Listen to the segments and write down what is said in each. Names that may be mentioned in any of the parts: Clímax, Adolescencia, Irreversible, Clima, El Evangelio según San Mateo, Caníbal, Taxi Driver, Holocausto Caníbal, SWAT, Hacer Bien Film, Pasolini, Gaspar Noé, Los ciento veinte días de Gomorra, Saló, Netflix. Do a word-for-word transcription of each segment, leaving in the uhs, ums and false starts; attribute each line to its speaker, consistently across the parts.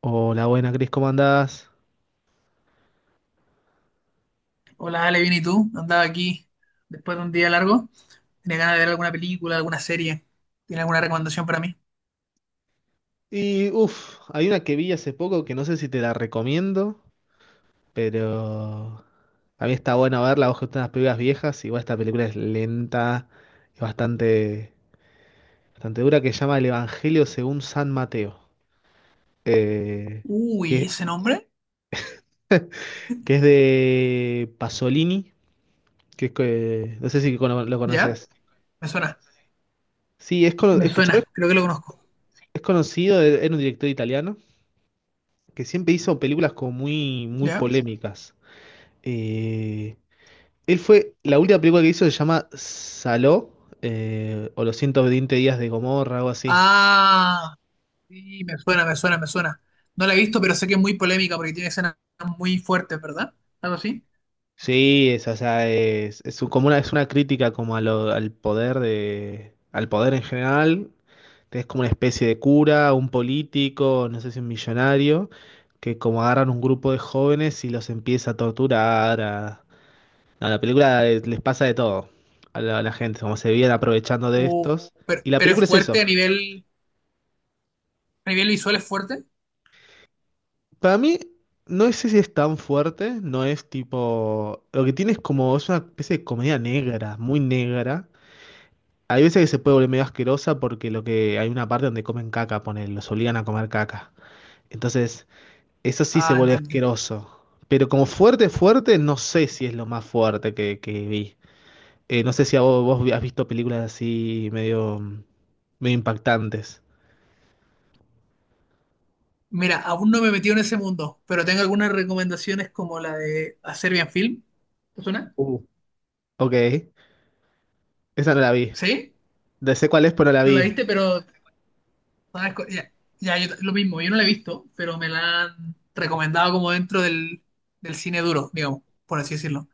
Speaker 1: Hola, buena Cris, ¿cómo andás?
Speaker 2: Hola, Ale, bien, ¿y tú? Andaba aquí después de un día largo. Tenía ganas de ver alguna película, alguna serie. ¿Tiene alguna recomendación para mí?
Speaker 1: Y uff, hay una que vi hace poco que no sé si te la recomiendo, pero a mí está bueno verla, vos que estás unas películas viejas, igual esta película es lenta, es bastante, bastante dura, que se llama El Evangelio según San Mateo. eh,
Speaker 2: Uy,
Speaker 1: que,
Speaker 2: ¿ese nombre?
Speaker 1: que es de Pasolini, que es, que- no sé si cono- lo
Speaker 2: ¿Ya?
Speaker 1: conoces.
Speaker 2: Me suena.
Speaker 1: Sí, es, cono-
Speaker 2: Me
Speaker 1: es que chabón
Speaker 2: suena, creo que lo conozco.
Speaker 1: es conocido, e, era un director italiano, que siempre hizo películas como muy, muy
Speaker 2: ¿Ya?
Speaker 1: polémicas. Eh, Él fue, la última película que hizo se llama Saló, eh, o Los ciento veinte días de Gomorra, algo así.
Speaker 2: Ah, sí, me suena, me suena, me suena. No la he visto, pero sé que es muy polémica porque tiene escenas muy fuertes, ¿verdad? ¿Algo así?
Speaker 1: Sí, es, o sea, es, es un- como una, es una crítica como a lo- al poder de, al poder en general. Es como una especie de cura, un político, no sé si un millonario, que como agarran un grupo de jóvenes y los empieza a torturar. A... No, la película eh, les pasa de todo a la, a la gente, como se vienen aprovechando de
Speaker 2: Uh,
Speaker 1: estos.
Speaker 2: pero,
Speaker 1: Y la
Speaker 2: pero es
Speaker 1: película es
Speaker 2: fuerte a
Speaker 1: eso.
Speaker 2: nivel, a nivel visual, es fuerte.
Speaker 1: Para mí, no sé si es tan fuerte, no es tipo... Lo que tiene es como, es una especie de comedia negra, muy negra. Hay veces que se puede volver medio asquerosa porque lo que hay una parte donde comen caca, ponen, los obligan a comer caca. Entonces, eso sí se
Speaker 2: Ah,
Speaker 1: vuelve
Speaker 2: entiendo.
Speaker 1: asqueroso. Pero como fuerte, fuerte, no sé si es lo más fuerte que, que vi. Eh, no sé si a vos, vos has visto películas así medio, medio impactantes.
Speaker 2: Mira, aún no me he metido en ese mundo, pero tengo algunas recomendaciones como la de Hacer Bien Film. ¿Te suena?
Speaker 1: Uh, Ok, esa no la vi.
Speaker 2: ¿Sí?
Speaker 1: No sé cuál es, pero no la
Speaker 2: ¿No la
Speaker 1: vi.
Speaker 2: viste? Pero, ¿sabes? co- Ya, ya, yo t- lo mismo, yo no la he visto, pero me la han recomendado como dentro del, del cine duro, digamos, por así decirlo.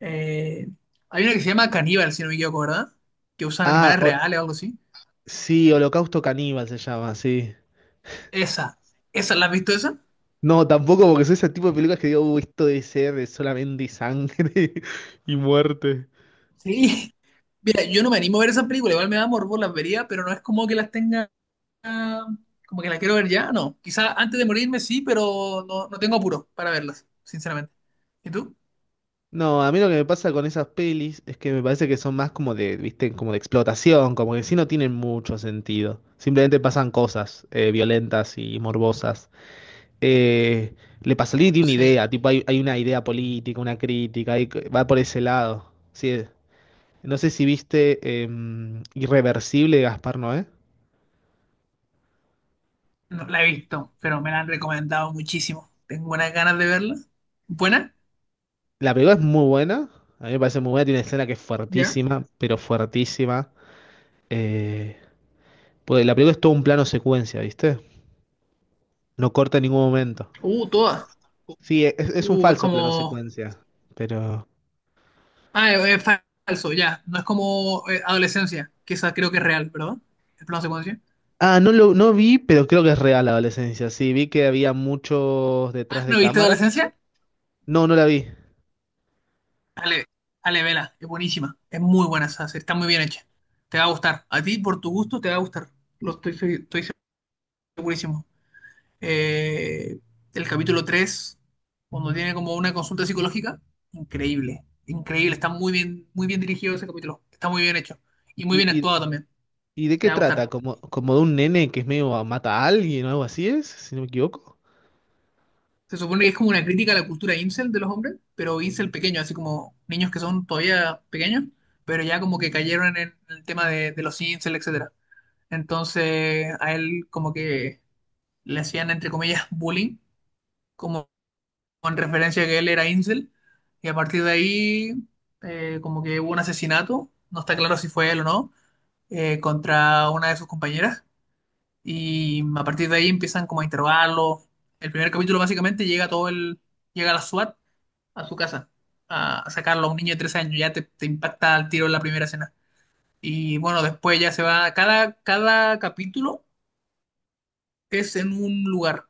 Speaker 2: Eh, Hay una que se llama Caníbal, si no me equivoco, ¿verdad? Que usan
Speaker 1: Ah,
Speaker 2: animales
Speaker 1: o-
Speaker 2: reales o algo así.
Speaker 1: Sí, Holocausto Caníbal se llama, sí.
Speaker 2: Esa, ¿esa la has visto esa?
Speaker 1: No, tampoco porque soy ese tipo de películas que digo, "Uh, esto debe ser de solamente sangre y muerte."
Speaker 2: Sí. Mira, yo no me animo a ver esa película, igual me da morbo, las vería, pero no es como que las tenga, ah, como que las quiero ver ya, no. Quizá antes de morirme sí, pero no, no tengo apuro para verlas, sinceramente. ¿Y tú?
Speaker 1: No, a mí lo que me pasa con esas pelis es que me parece que son más como de, viste, como de explotación, como que sí no tienen mucho sentido. Simplemente pasan cosas eh, violentas y morbosas. Eh, Le Pasolini tiene una
Speaker 2: Sí.
Speaker 1: idea, tipo hay, hay una idea política, una crítica, hay- va por ese lado. Sí, no sé si viste em, Irreversible de Gaspar Noé.
Speaker 2: No la he visto, pero me la han recomendado muchísimo. Tengo buenas ganas de verla. ¿Buena?
Speaker 1: La película es muy buena. A mí me parece muy buena. Tiene una escena que es
Speaker 2: ¿Ya?
Speaker 1: fuertísima, pero fuertísima. Eh, pues la película es todo un plano secuencia, ¿viste? No corta en ningún momento.
Speaker 2: Uh, todas.
Speaker 1: Sí, e, es, es un
Speaker 2: Uh, es
Speaker 1: falso plano
Speaker 2: como...
Speaker 1: secuencia. Pero.
Speaker 2: Ah, es, es falso, ya. No es como eh, Adolescencia, que esa creo que es real, ¿verdad? El plano secuencia.
Speaker 1: Ah, no lo no vi, pero creo que es real la adolescencia. Sí, vi que había muchos
Speaker 2: Ah,
Speaker 1: detrás de
Speaker 2: ¿no viste
Speaker 1: cámara.
Speaker 2: Adolescencia?
Speaker 1: No, no la vi.
Speaker 2: Ale, vela. Es buenísima. Es muy buena esa serie. Está muy bien hecha. Te va a gustar. A ti, por tu gusto, te va a gustar. Lo estoy, estoy segurísimo. eh, el capítulo tres cuando tiene como una consulta psicológica, increíble, increíble, está muy bien, muy bien dirigido ese capítulo, está muy bien hecho y muy
Speaker 1: ¿Y,
Speaker 2: bien actuado
Speaker 1: y,
Speaker 2: también,
Speaker 1: ¿y de
Speaker 2: te
Speaker 1: qué
Speaker 2: va a
Speaker 1: trata?
Speaker 2: gustar.
Speaker 1: ¿Como, como de un nene que es medio a- mata a alguien o algo así es? Si no me equivoco.
Speaker 2: Se supone que es como una crítica a la cultura incel de los hombres, pero incel pequeño, así como niños que son todavía pequeños, pero ya como que cayeron en el tema de, de los incel, etcétera. Entonces a él como que le hacían, entre comillas, bullying como con referencia a que él era incel, y a partir de ahí eh, como que hubo un asesinato, no está claro si fue él o no, eh, contra una de sus compañeras, y a partir de ahí empiezan como a interrogarlo. El primer capítulo básicamente llega todo el, llega la SWAT a su casa, a, a sacarlo a un niño de trece años, ya te, te impacta al tiro en la primera escena. Y bueno, después ya se va, cada, cada capítulo es en un lugar,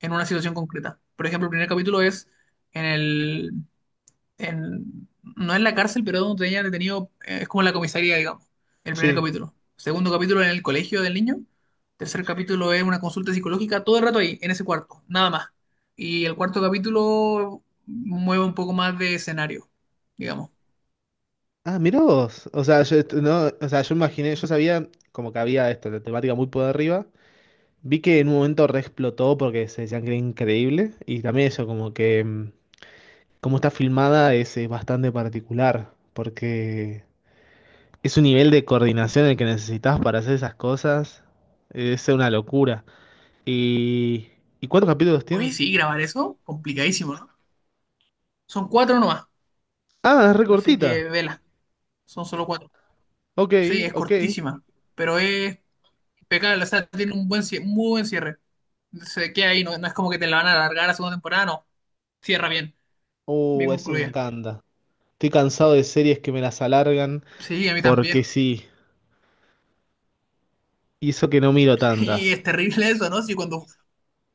Speaker 2: en una situación concreta. Por ejemplo, el primer capítulo es en el, en- no en la cárcel, pero donde tenía detenido, eh, es como la comisaría, digamos, el primer
Speaker 1: Sí.
Speaker 2: capítulo. Segundo capítulo en el colegio del niño. Tercer capítulo es una consulta psicológica, todo el rato ahí, en ese cuarto, nada más. Y el cuarto capítulo mueve un poco más de escenario, digamos.
Speaker 1: Ah, mirá vos. O sea, yo, esto- no, o sea, yo imaginé, yo sabía como que había esto, la temática muy por arriba. Vi que en un momento re explotó porque se decían que era increíble. Y también eso, como que mm, como está filmada es, eh, bastante particular. Porque es un nivel de coordinación el que necesitas para hacer esas cosas. Es una locura. ¿Y, ¿y cuántos capítulos
Speaker 2: Oye,
Speaker 1: tiene?
Speaker 2: sí, grabar eso, complicadísimo, ¿no? Son cuatro nomás,
Speaker 1: Ah, es re
Speaker 2: así
Speaker 1: cortita.
Speaker 2: que vela, son solo cuatro.
Speaker 1: Ok,
Speaker 2: Sí, es
Speaker 1: ok.
Speaker 2: cortísima, pero es impecable, o sea, tiene un buen, cie- muy buen cierre. Se queda ahí, no, no es como que te la van a alargar a segunda temporada, no. Cierra bien, bien
Speaker 1: Uh, eso me
Speaker 2: concluida.
Speaker 1: encanta. Estoy cansado de series que me las alargan.
Speaker 2: Sí, a mí también.
Speaker 1: Porque sí, hizo que no miro tantas.
Speaker 2: Sí, es terrible eso, ¿no? Sí, cuando,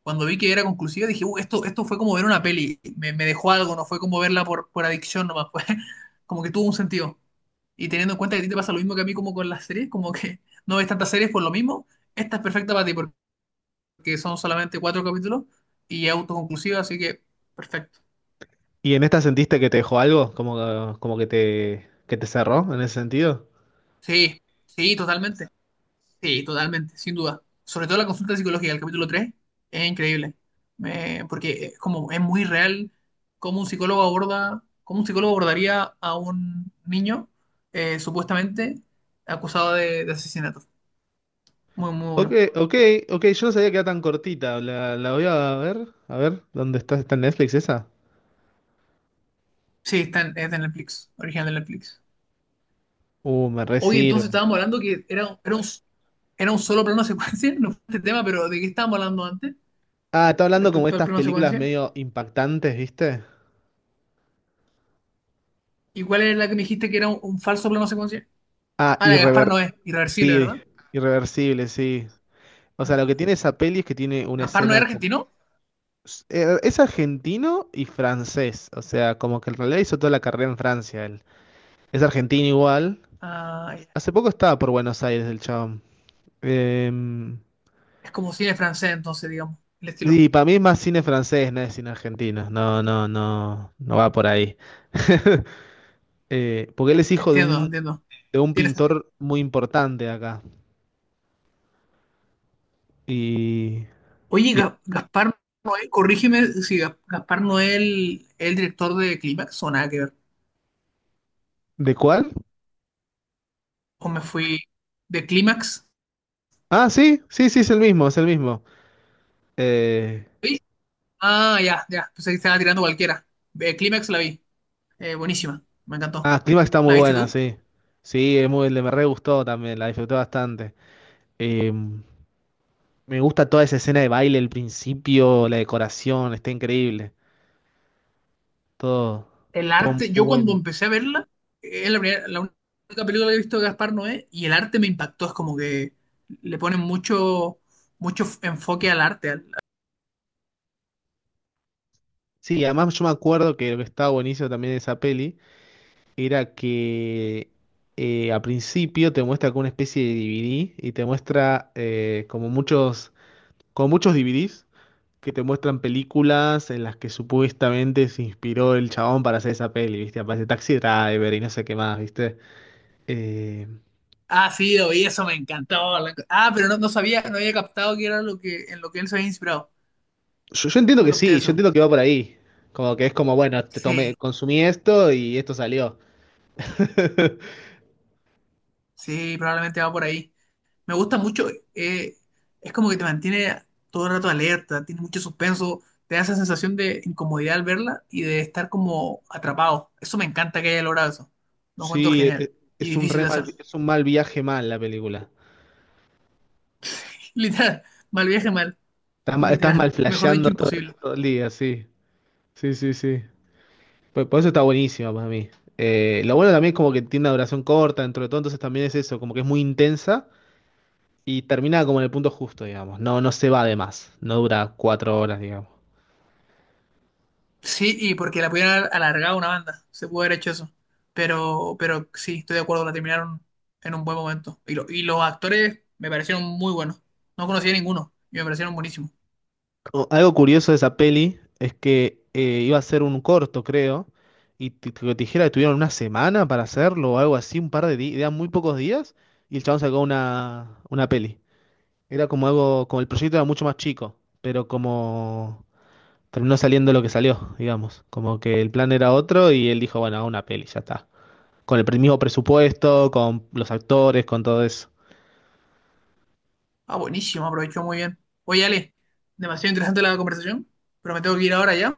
Speaker 2: cuando vi que era conclusiva dije, "Uh, esto, esto fue como ver una peli, me, me dejó algo, no fue como verla por, por adicción nomás, fue como que tuvo un sentido. Y teniendo en cuenta que a ti te pasa lo mismo que a mí como con las series, como que no ves tantas series por lo mismo, esta es perfecta para ti porque son solamente cuatro capítulos y es autoconclusiva, así que perfecto.
Speaker 1: ¿Y en esta sentiste que te dejó algo? ¿Como, que- como que te, que te cerró en ese sentido?
Speaker 2: Sí, sí, totalmente. Sí, totalmente, sin duda. Sobre todo la consulta psicológica del capítulo tres, es increíble. Eh, porque es como es muy real cómo un psicólogo aborda, cómo un psicólogo abordaría a un niño eh, supuestamente acusado de, de asesinato. Muy, muy
Speaker 1: Ok,
Speaker 2: bueno.
Speaker 1: ok, ok, yo no sabía que era tan cortita. La, la voy a ver. A ver, ¿dónde está? ¿Está en Netflix esa?
Speaker 2: Sí, está en, es de Netflix, original de Netflix.
Speaker 1: Uh, me re
Speaker 2: Hoy entonces
Speaker 1: sirve.
Speaker 2: estábamos hablando que era, era un, era un solo plano secuencia, no fue este tema, pero ¿de qué estábamos hablando antes
Speaker 1: Ah, está hablando como
Speaker 2: respecto al
Speaker 1: estas
Speaker 2: plano
Speaker 1: películas
Speaker 2: secuencia?
Speaker 1: medio impactantes, ¿viste?
Speaker 2: ¿Y cuál era la que me dijiste que era un, un falso plano secuencia?
Speaker 1: Ah,
Speaker 2: Ah, la de Gaspar
Speaker 1: irrever...
Speaker 2: Noé, irreversible,
Speaker 1: sí,
Speaker 2: ¿verdad?
Speaker 1: irreversible, sí. O sea, lo que
Speaker 2: Ah,
Speaker 1: tiene esa peli es que tiene una
Speaker 2: ¿Gaspar no es
Speaker 1: escena... como-
Speaker 2: argentino?
Speaker 1: eh, Es argentino y francés. O sea, como que en realidad hizo toda la carrera en Francia. Es argentino igual.
Speaker 2: Ah, ya.
Speaker 1: Hace poco estaba por Buenos Aires el chabón. Em,
Speaker 2: Es como cine francés, entonces, digamos, el estilo.
Speaker 1: y para mí es más cine francés, no es cine argentino. No, no, no, no va por ahí. Eh, porque él es hijo de
Speaker 2: Entiendo,
Speaker 1: un,
Speaker 2: entiendo.
Speaker 1: de un
Speaker 2: Tiene sentido.
Speaker 1: pintor muy importante de acá. Y,
Speaker 2: Oye,
Speaker 1: y-
Speaker 2: Ga- Gaspar Noé, corrígeme si Ga- Gaspar Noé el, el director de Clímax o nada que ver.
Speaker 1: ¿de cuál?
Speaker 2: O me fui de Clímax.
Speaker 1: Ah, sí, sí, sí, es el mismo, es el mismo. Eh,
Speaker 2: ¿Sí? Ah, ya, ya. Pensé que estaba tirando cualquiera. De Clímax la vi. Eh, buenísima. Me encantó.
Speaker 1: ah, Clima está muy
Speaker 2: ¿La viste
Speaker 1: buena,
Speaker 2: tú?
Speaker 1: sí. Sí, es muy, le me re gustó también, la disfruté bastante. Em, Me gusta toda esa escena de baile, el principio, la decoración, está increíble. Todo,
Speaker 2: El
Speaker 1: todo muy
Speaker 2: arte, yo cuando
Speaker 1: bueno.
Speaker 2: empecé a verla, es la, primera- la única película que he visto de Gaspar Noé y el arte me impactó. Es como que le ponen mucho, mucho f- enfoque al arte. al-
Speaker 1: Sí, además yo me acuerdo que lo que estaba buenísimo también de esa peli era que eh, al principio te muestra como una especie de D V D y te muestra eh, como muchos, como muchos D V Ds que te muestran películas en las que supuestamente se inspiró el chabón para hacer esa peli, ¿viste? Aparece Taxi Driver y no sé qué más, ¿viste? Eh,
Speaker 2: Ah, sí, y eso, me encantó. la- Ah, pero no, no sabía, no había captado que era lo que, en lo que él se había inspirado.
Speaker 1: Yo, yo entiendo
Speaker 2: No
Speaker 1: que
Speaker 2: capté
Speaker 1: sí, yo
Speaker 2: eso.
Speaker 1: entiendo que va por ahí. Como que es como, bueno, te
Speaker 2: Sí,
Speaker 1: tomé, consumí esto y esto salió.
Speaker 2: sí, probablemente va por ahí. Me gusta mucho, eh, es como que te mantiene todo el rato alerta, tiene mucho suspenso, te da esa sensación de incomodidad al verla y de estar como atrapado. Eso me encanta que haya logrado eso. Lo encuentro
Speaker 1: Sí, e-
Speaker 2: genial
Speaker 1: e-
Speaker 2: y
Speaker 1: es un
Speaker 2: difícil
Speaker 1: re
Speaker 2: de hacer.
Speaker 1: mal, es un mal viaje mal la película.
Speaker 2: Literal, mal viaje, mal.
Speaker 1: Estás, ma- estás
Speaker 2: Literal,
Speaker 1: mal
Speaker 2: mejor
Speaker 1: flasheando
Speaker 2: dicho,
Speaker 1: todo,
Speaker 2: imposible.
Speaker 1: todo el día, sí. Sí, sí, sí. Por, por eso está buenísima para mí. Eh, lo bueno también es como que tiene una duración corta dentro de todo, entonces también es eso, como que es muy intensa y termina como en el punto justo, digamos. No, no se va de más, no dura cuatro horas, digamos.
Speaker 2: Sí, y porque la pudieron haber alargado una banda, se pudo haber hecho eso. Pero, pero sí, estoy de acuerdo, la terminaron en un buen momento. Y, lo- y los actores me parecieron muy buenos. No conocía a ninguno y me parecieron buenísimos.
Speaker 1: O- Algo curioso de esa peli es que eh, iba a ser un corto, creo, y te te dijera que tuvieron una semana para hacerlo o algo así, un par de días, eran muy pocos días, y el chabón sacó una, una peli. Era como algo, como el proyecto era mucho más chico, pero como terminó saliendo lo que salió, digamos, como que el plan era otro y él dijo, bueno, hago una peli, ya está. Con el pre- mismo presupuesto, con los actores, con todo eso.
Speaker 2: Ah, buenísimo, aprovechó muy bien. Oye, Ale, demasiado interesante la conversación, pero me tengo que ir ahora ya.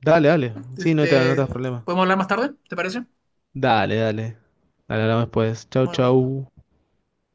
Speaker 1: Dale, dale, sí, no te, no te
Speaker 2: Este,
Speaker 1: das problema.
Speaker 2: ¿podemos hablar más tarde? ¿Te parece?
Speaker 1: Dale, dale. Dale, hablamos después. Chau,
Speaker 2: Bueno,
Speaker 1: chau.